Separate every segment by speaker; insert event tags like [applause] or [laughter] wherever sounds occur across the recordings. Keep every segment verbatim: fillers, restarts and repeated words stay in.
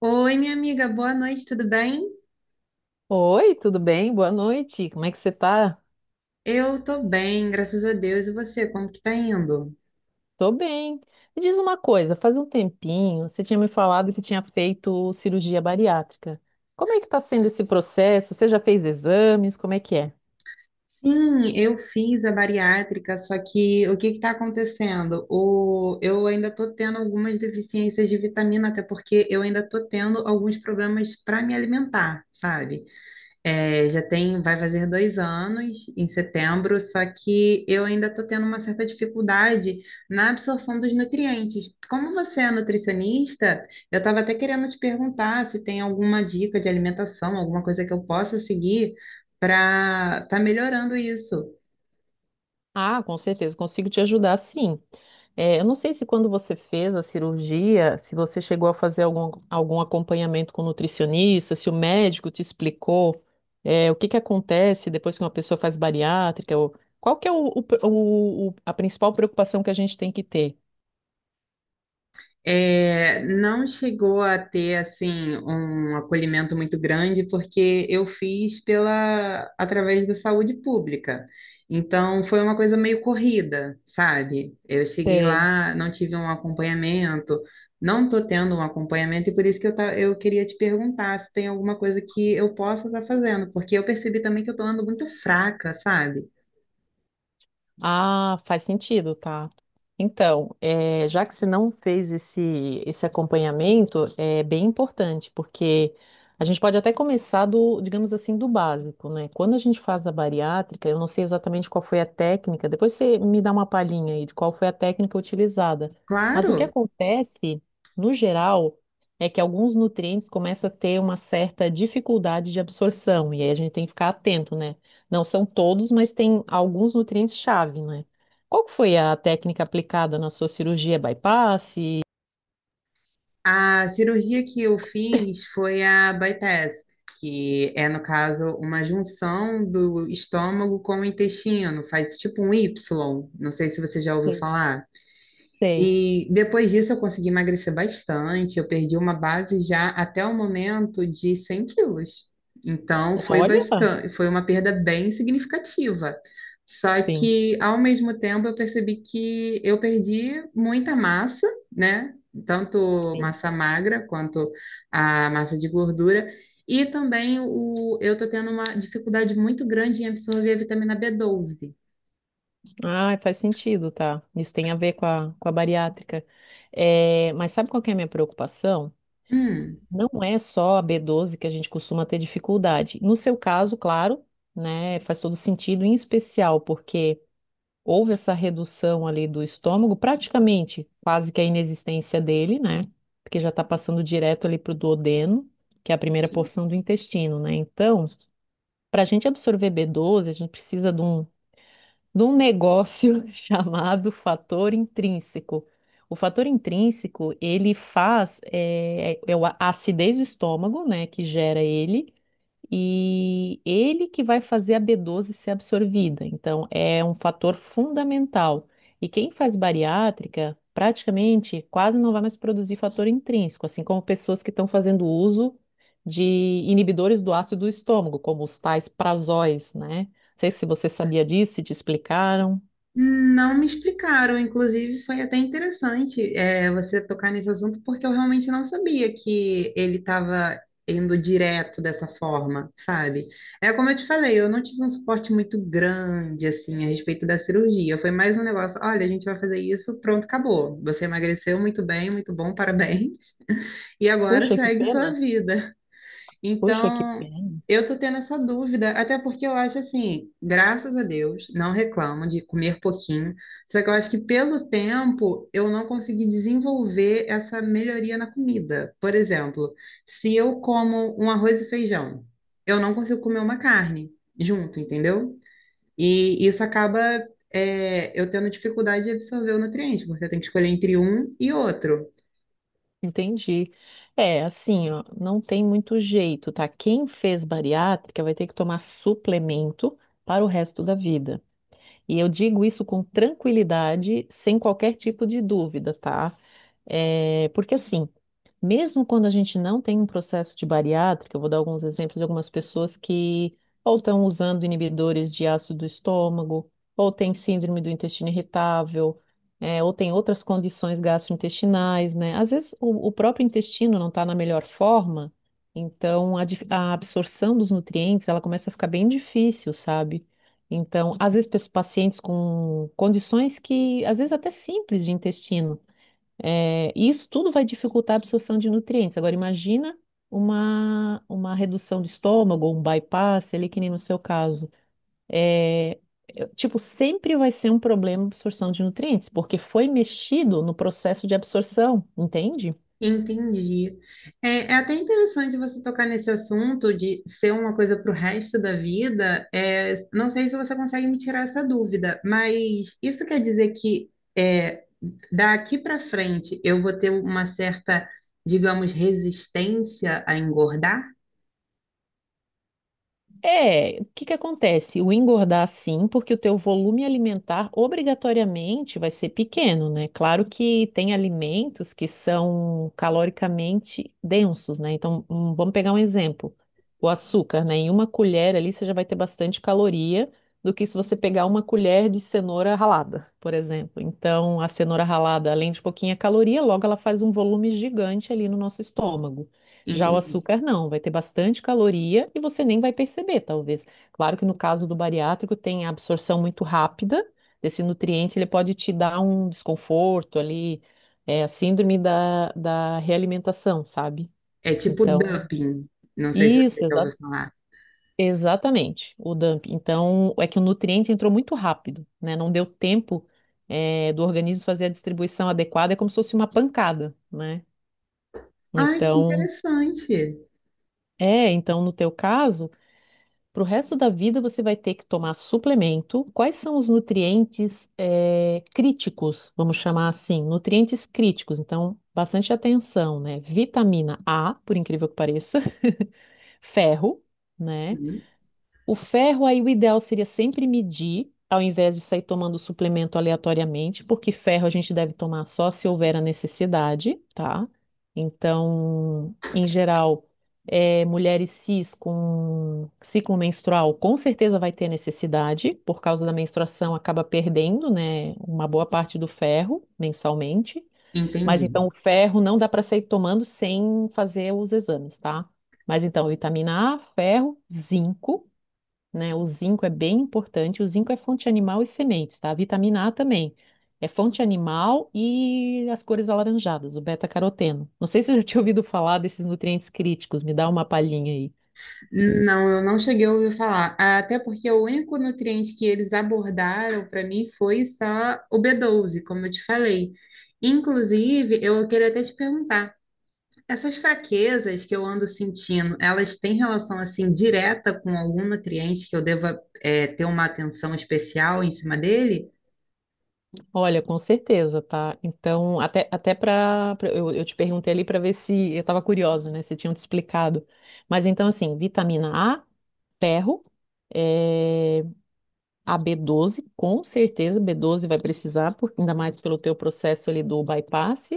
Speaker 1: Oi, minha amiga, boa noite, tudo bem?
Speaker 2: Oi, tudo bem? Boa noite. Como é que você tá?
Speaker 1: Eu tô bem, graças a Deus. E você, como que tá indo?
Speaker 2: Tô bem. Me diz uma coisa, faz um tempinho você tinha me falado que tinha feito cirurgia bariátrica. Como é que tá sendo esse processo? Você já fez exames? Como é que é?
Speaker 1: Sim, eu fiz a bariátrica, só que o que que tá acontecendo? O, eu ainda tô tendo algumas deficiências de vitamina, até porque eu ainda tô tendo alguns problemas para me alimentar, sabe? É, já tem, vai fazer dois anos em setembro, só que eu ainda estou tendo uma certa dificuldade na absorção dos nutrientes. Como você é nutricionista, eu estava até querendo te perguntar se tem alguma dica de alimentação, alguma coisa que eu possa seguir para estar melhorando isso.
Speaker 2: Ah, com certeza, consigo te ajudar, sim. É, eu não sei se quando você fez a cirurgia, se você chegou a fazer algum, algum acompanhamento com nutricionista, se o médico te explicou, é, o que que acontece depois que uma pessoa faz bariátrica, ou, qual que é o, o- o- o- a principal preocupação que a gente tem que ter?
Speaker 1: É, não chegou a ter assim um acolhimento muito grande porque eu fiz pela através da saúde pública. Então foi uma coisa meio corrida, sabe? Eu cheguei lá, não tive um acompanhamento, não tô tendo um acompanhamento e por isso que eu, ta- eu queria te perguntar se tem alguma coisa que eu possa estar fazendo, porque eu percebi também que eu tô andando muito fraca, sabe?
Speaker 2: Ah, faz sentido, tá? Então, eh, já que você não fez esse, esse acompanhamento, é bem importante, porque a gente pode até começar do, digamos assim, do básico, né? Quando a gente faz a bariátrica, eu não sei exatamente qual foi a técnica, depois você me dá uma palhinha aí de qual foi a técnica utilizada. Mas o que
Speaker 1: Claro.
Speaker 2: acontece, no geral, é que alguns nutrientes começam a ter uma certa dificuldade de absorção, e aí a gente tem que ficar atento, né? Não são todos, mas tem alguns nutrientes-chave, né? Qual que foi a técnica aplicada na sua cirurgia bypass? Sei.
Speaker 1: A cirurgia que eu fiz foi a bypass, que é, no caso, uma junção do estômago com o intestino, faz tipo um Y, não sei se você já ouviu falar.
Speaker 2: Sei.
Speaker 1: E depois disso eu consegui emagrecer bastante, eu perdi uma base já até o momento de cem quilos. Então foi
Speaker 2: Olha,
Speaker 1: bastante, foi uma perda bem significativa. Só
Speaker 2: sim,
Speaker 1: que ao mesmo tempo eu percebi que eu perdi muita massa, né? Tanto
Speaker 2: sim.
Speaker 1: massa magra quanto a massa de gordura. E também o, eu tô tendo uma dificuldade muito grande em absorver a vitamina B doze.
Speaker 2: Ah, faz sentido, tá? Isso tem a ver com a, com a bariátrica. É, mas sabe qual que é a minha preocupação?
Speaker 1: Hum.
Speaker 2: Não é só a b doze que a gente costuma ter dificuldade. No seu caso, claro, né? Faz todo sentido, em especial porque houve essa redução ali do estômago, praticamente quase que a inexistência dele, né? Porque já está passando direto ali para o duodeno, que é a primeira porção do intestino, né? Então, para a gente absorver B doze, a gente precisa de um, de um negócio [laughs] chamado fator intrínseco. O fator intrínseco, ele faz, é, é a acidez do estômago, né, que gera ele, e ele que vai fazer a B doze ser absorvida. Então, é um fator fundamental. E quem faz bariátrica, praticamente quase não vai mais produzir fator intrínseco, assim como pessoas que estão fazendo uso de inibidores do ácido do estômago, como os tais prazóis, né? Não sei se você sabia disso, se te explicaram.
Speaker 1: Não me explicaram, inclusive foi até interessante é, você tocar nesse assunto, porque eu realmente não sabia que ele estava indo direto dessa forma, sabe? É como eu te falei, eu não tive um suporte muito grande, assim, a respeito da cirurgia. Foi mais um negócio, olha, a gente vai fazer isso, pronto, acabou. Você emagreceu muito bem, muito bom, parabéns. [laughs] E agora
Speaker 2: Puxa, que
Speaker 1: segue
Speaker 2: pena.
Speaker 1: sua vida.
Speaker 2: Puxa, que
Speaker 1: Então,
Speaker 2: pena.
Speaker 1: eu tô tendo essa dúvida, até porque eu acho assim, graças a Deus, não reclamo de comer pouquinho, só que eu acho que pelo tempo eu não consegui desenvolver essa melhoria na comida. Por exemplo, se eu como um arroz e feijão, eu não consigo comer uma carne junto, entendeu? E isso acaba, é, eu tendo dificuldade de absorver o nutriente, porque eu tenho que escolher entre um e outro.
Speaker 2: Entendi. É, assim, ó, não tem muito jeito, tá? Quem fez bariátrica vai ter que tomar suplemento para o resto da vida. E eu digo isso com tranquilidade, sem qualquer tipo de dúvida, tá? É, porque assim, mesmo quando a gente não tem um processo de bariátrica, eu vou dar alguns exemplos de algumas pessoas que ou estão usando inibidores de ácido do estômago, ou tem síndrome do intestino irritável, é, ou tem outras condições gastrointestinais, né? Às vezes o, o próprio intestino não está na melhor forma, então a, dif- a absorção dos nutrientes ela começa a ficar bem difícil, sabe? Então, às vezes, pe- pacientes com condições que, às vezes, até simples de intestino. É, e isso tudo vai dificultar a absorção de nutrientes. Agora, imagina uma, uma redução de estômago, ou um bypass, ali que nem no seu caso. É, é, tipo, sempre vai ser um problema a absorção de nutrientes, porque foi mexido no processo de absorção, entende?
Speaker 1: Entendi. É, é até interessante você tocar nesse assunto de ser uma coisa para o resto da vida. É, não sei se você consegue me tirar essa dúvida, mas isso quer dizer que é, daqui para frente eu vou ter uma certa, digamos, resistência a engordar?
Speaker 2: É, o que que acontece? O engordar sim, porque o teu volume alimentar obrigatoriamente vai ser pequeno, né? Claro que tem alimentos que são caloricamente densos, né? Então, hum, vamos pegar um exemplo. O açúcar, né? Em uma colher ali você já vai ter bastante caloria do que se você pegar uma colher de cenoura ralada, por exemplo. Então, a cenoura ralada, além de pouquinha caloria, logo ela faz um volume gigante ali no nosso estômago. Já o
Speaker 1: Entendi.
Speaker 2: açúcar não, vai ter bastante caloria e você nem vai perceber, talvez. Claro que no caso do bariátrico tem a absorção muito rápida desse nutriente, ele pode te dar um desconforto ali, é a síndrome da, da realimentação, sabe?
Speaker 1: É tipo
Speaker 2: Então,
Speaker 1: dumping. Não sei se você
Speaker 2: isso,
Speaker 1: já
Speaker 2: exa-
Speaker 1: ouviu falar.
Speaker 2: exatamente, o dump. Então, é que o nutriente entrou muito rápido, né? Não deu tempo, é, do organismo fazer a distribuição adequada, é como se fosse uma pancada, né?
Speaker 1: Ai, que
Speaker 2: Então,
Speaker 1: interessante.
Speaker 2: é, então no teu caso. Para o resto da vida, você vai ter que tomar suplemento. Quais são os nutrientes eh, críticos, vamos chamar assim, nutrientes críticos? Então, bastante atenção, né? Vitamina A, por incrível que pareça, [laughs] ferro, né?
Speaker 1: Sim,
Speaker 2: O ferro aí, o ideal seria sempre medir, ao invés de sair tomando suplemento aleatoriamente, porque ferro a gente deve tomar só se houver a necessidade, tá? Então, em geral, eh, mulheres cis com ciclo menstrual com certeza vai ter necessidade, por causa da menstruação acaba perdendo, né, uma boa parte do ferro mensalmente. Mas
Speaker 1: entendi.
Speaker 2: então o ferro não dá para sair tomando sem fazer os exames, tá? Mas então, vitamina A, ferro, zinco, né? O zinco é bem importante. O zinco é fonte animal e sementes, tá? A vitamina A também. É fonte animal e as cores alaranjadas, o beta-caroteno. Não sei se você já tinha ouvido falar desses nutrientes críticos, me dá uma palhinha aí.
Speaker 1: Não, eu não cheguei a ouvir falar. Até porque o único nutriente que eles abordaram para mim foi só o B doze, como eu te falei. Inclusive, eu queria até te perguntar. Essas fraquezas que eu ando sentindo, elas têm relação assim direta com algum nutriente que eu deva é, ter uma atenção especial em cima dele?
Speaker 2: Olha, com certeza, tá? Então, até, até para. Eu, eu te perguntei ali para ver se. Eu estava curiosa, né? Se tinham te explicado. Mas então, assim, vitamina A, ferro. É, a B doze, com certeza, B doze vai precisar, por- ainda mais pelo teu processo ali do bypass.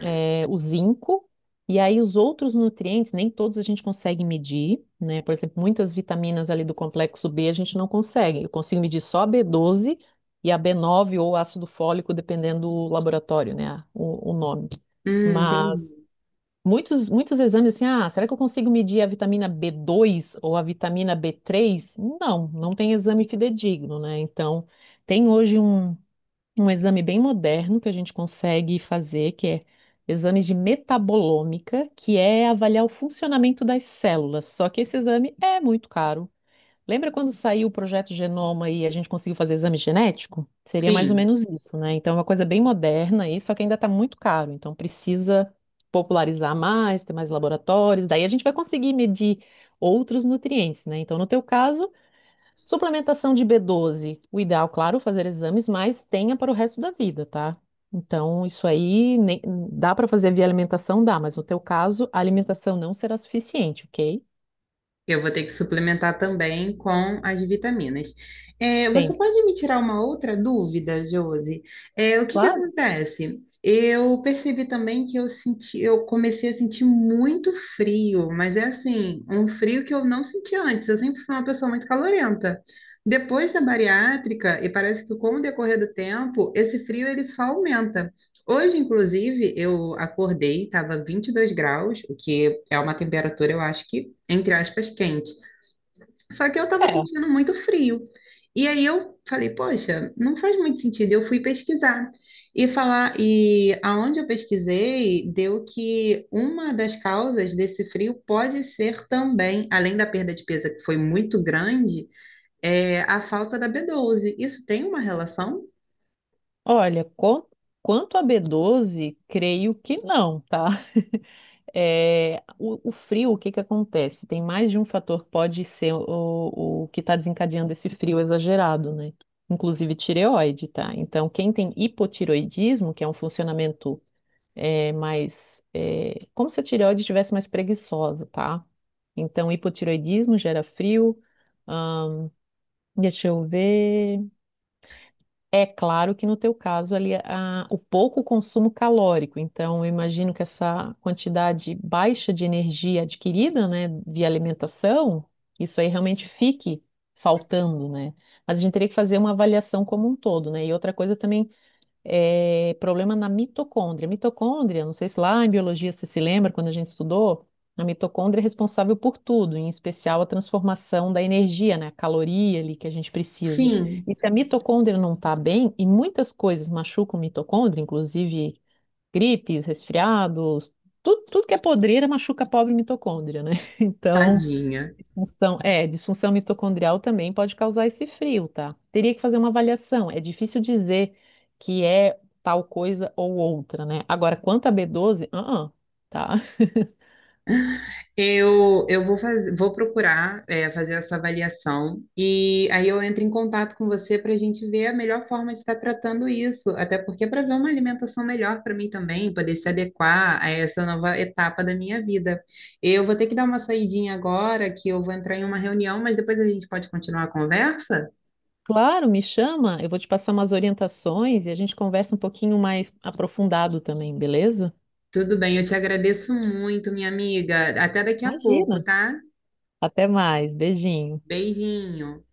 Speaker 2: é, o zinco, e aí os outros nutrientes, nem todos a gente consegue medir, né? Por exemplo, muitas vitaminas ali do complexo B a gente não consegue. Eu consigo medir só a b doze e a b nove ou ácido fólico, dependendo do laboratório, né? a- O, o nome.
Speaker 1: Hum,
Speaker 2: Mas
Speaker 1: entendi.
Speaker 2: muitos, muitos exames assim, ah, será que eu consigo medir a vitamina b dois ou a vitamina b três. Não, não tem exame fidedigno, né? Então, tem hoje um um exame bem moderno que a gente consegue fazer, que é exames de metabolômica, que é avaliar o funcionamento das células. Só que esse exame é muito caro. Lembra quando saiu o projeto Genoma e a gente conseguiu fazer exame genético? Seria mais ou
Speaker 1: Sim.
Speaker 2: menos isso, né? Então é uma coisa bem moderna aí, só que ainda está muito caro. Então precisa popularizar mais, ter mais laboratórios. Daí a gente vai conseguir medir outros nutrientes, né? Então, no teu caso, suplementação de B doze. O ideal, claro, fazer exames, mas tenha para o resto da vida, tá? Então, isso aí nem- dá para fazer via alimentação, dá, mas no teu caso, a alimentação não será suficiente, ok?
Speaker 1: Eu vou ter que suplementar também com as vitaminas. É,
Speaker 2: Tem.
Speaker 1: você pode me tirar uma outra dúvida, Josi? É, o que que
Speaker 2: Claro.
Speaker 1: acontece? Eu percebi também que eu senti, eu comecei a sentir muito frio, mas é assim, um frio que eu não senti antes. Eu sempre fui uma pessoa muito calorenta. Depois da bariátrica, e parece que com o decorrer do tempo, esse frio ele só aumenta. Hoje, inclusive, eu acordei, estava vinte e dois graus, o que é uma temperatura, eu acho que entre aspas, quente. Só que eu estava
Speaker 2: É.
Speaker 1: sentindo muito frio. E aí eu falei, poxa, não faz muito sentido. Eu fui pesquisar e falar, e aonde eu pesquisei, deu que uma das causas desse frio pode ser também, além da perda de peso que foi muito grande, é a falta da b doze. Isso tem uma relação?
Speaker 2: Olha, com- quanto a B doze, creio que não, tá? É, o, o frio, o que que acontece? Tem mais de um fator que pode ser o, o que está desencadeando esse frio exagerado, né? Inclusive tireoide, tá? Então, quem tem hipotireoidismo, que é um funcionamento é, mais. é, como se a tireoide estivesse mais preguiçosa, tá? Então, hipotireoidismo gera frio. ahn, deixa eu ver. É claro que no teu caso ali a- o pouco consumo calórico, então eu imagino que essa quantidade baixa de energia adquirida, né, via alimentação, isso aí realmente fique faltando, né? Mas a gente teria que fazer uma avaliação como um todo, né? E outra coisa também é, problema na mitocôndria. Mitocôndria, não sei se lá em biologia você se lembra, quando a gente estudou, a mitocôndria é responsável por tudo, em especial a transformação da energia, né, a caloria ali que a gente precisa.
Speaker 1: Sim,
Speaker 2: E se a mitocôndria não está bem, e muitas coisas machucam a mitocôndria, inclusive gripes, resfriados, tudo, tudo que é podreira machuca a pobre mitocôndria, né? [laughs] Então,
Speaker 1: tadinha.
Speaker 2: Disfunção, é, disfunção mitocondrial também pode causar esse frio, tá? Teria que fazer uma avaliação. É difícil dizer que é tal coisa ou outra, né? Agora, quanto a B doze, ah, ah, tá.
Speaker 1: Eu, eu vou, faz- vou procurar, é, fazer essa avaliação e aí eu entro em contato com você para a gente ver a melhor forma de estar tratando isso, até porque para ver uma alimentação melhor para mim também, poder se adequar a essa nova etapa da minha vida. Eu vou ter que dar uma saidinha agora, que eu vou entrar em uma reunião, mas depois a gente pode continuar a conversa?
Speaker 2: Claro, me chama, eu vou te passar umas orientações e a gente conversa um pouquinho mais aprofundado também, beleza?
Speaker 1: Tudo bem, eu te agradeço muito, minha amiga. Até daqui a pouco,
Speaker 2: Imagina.
Speaker 1: tá?
Speaker 2: Até mais, beijinho.
Speaker 1: Beijinho.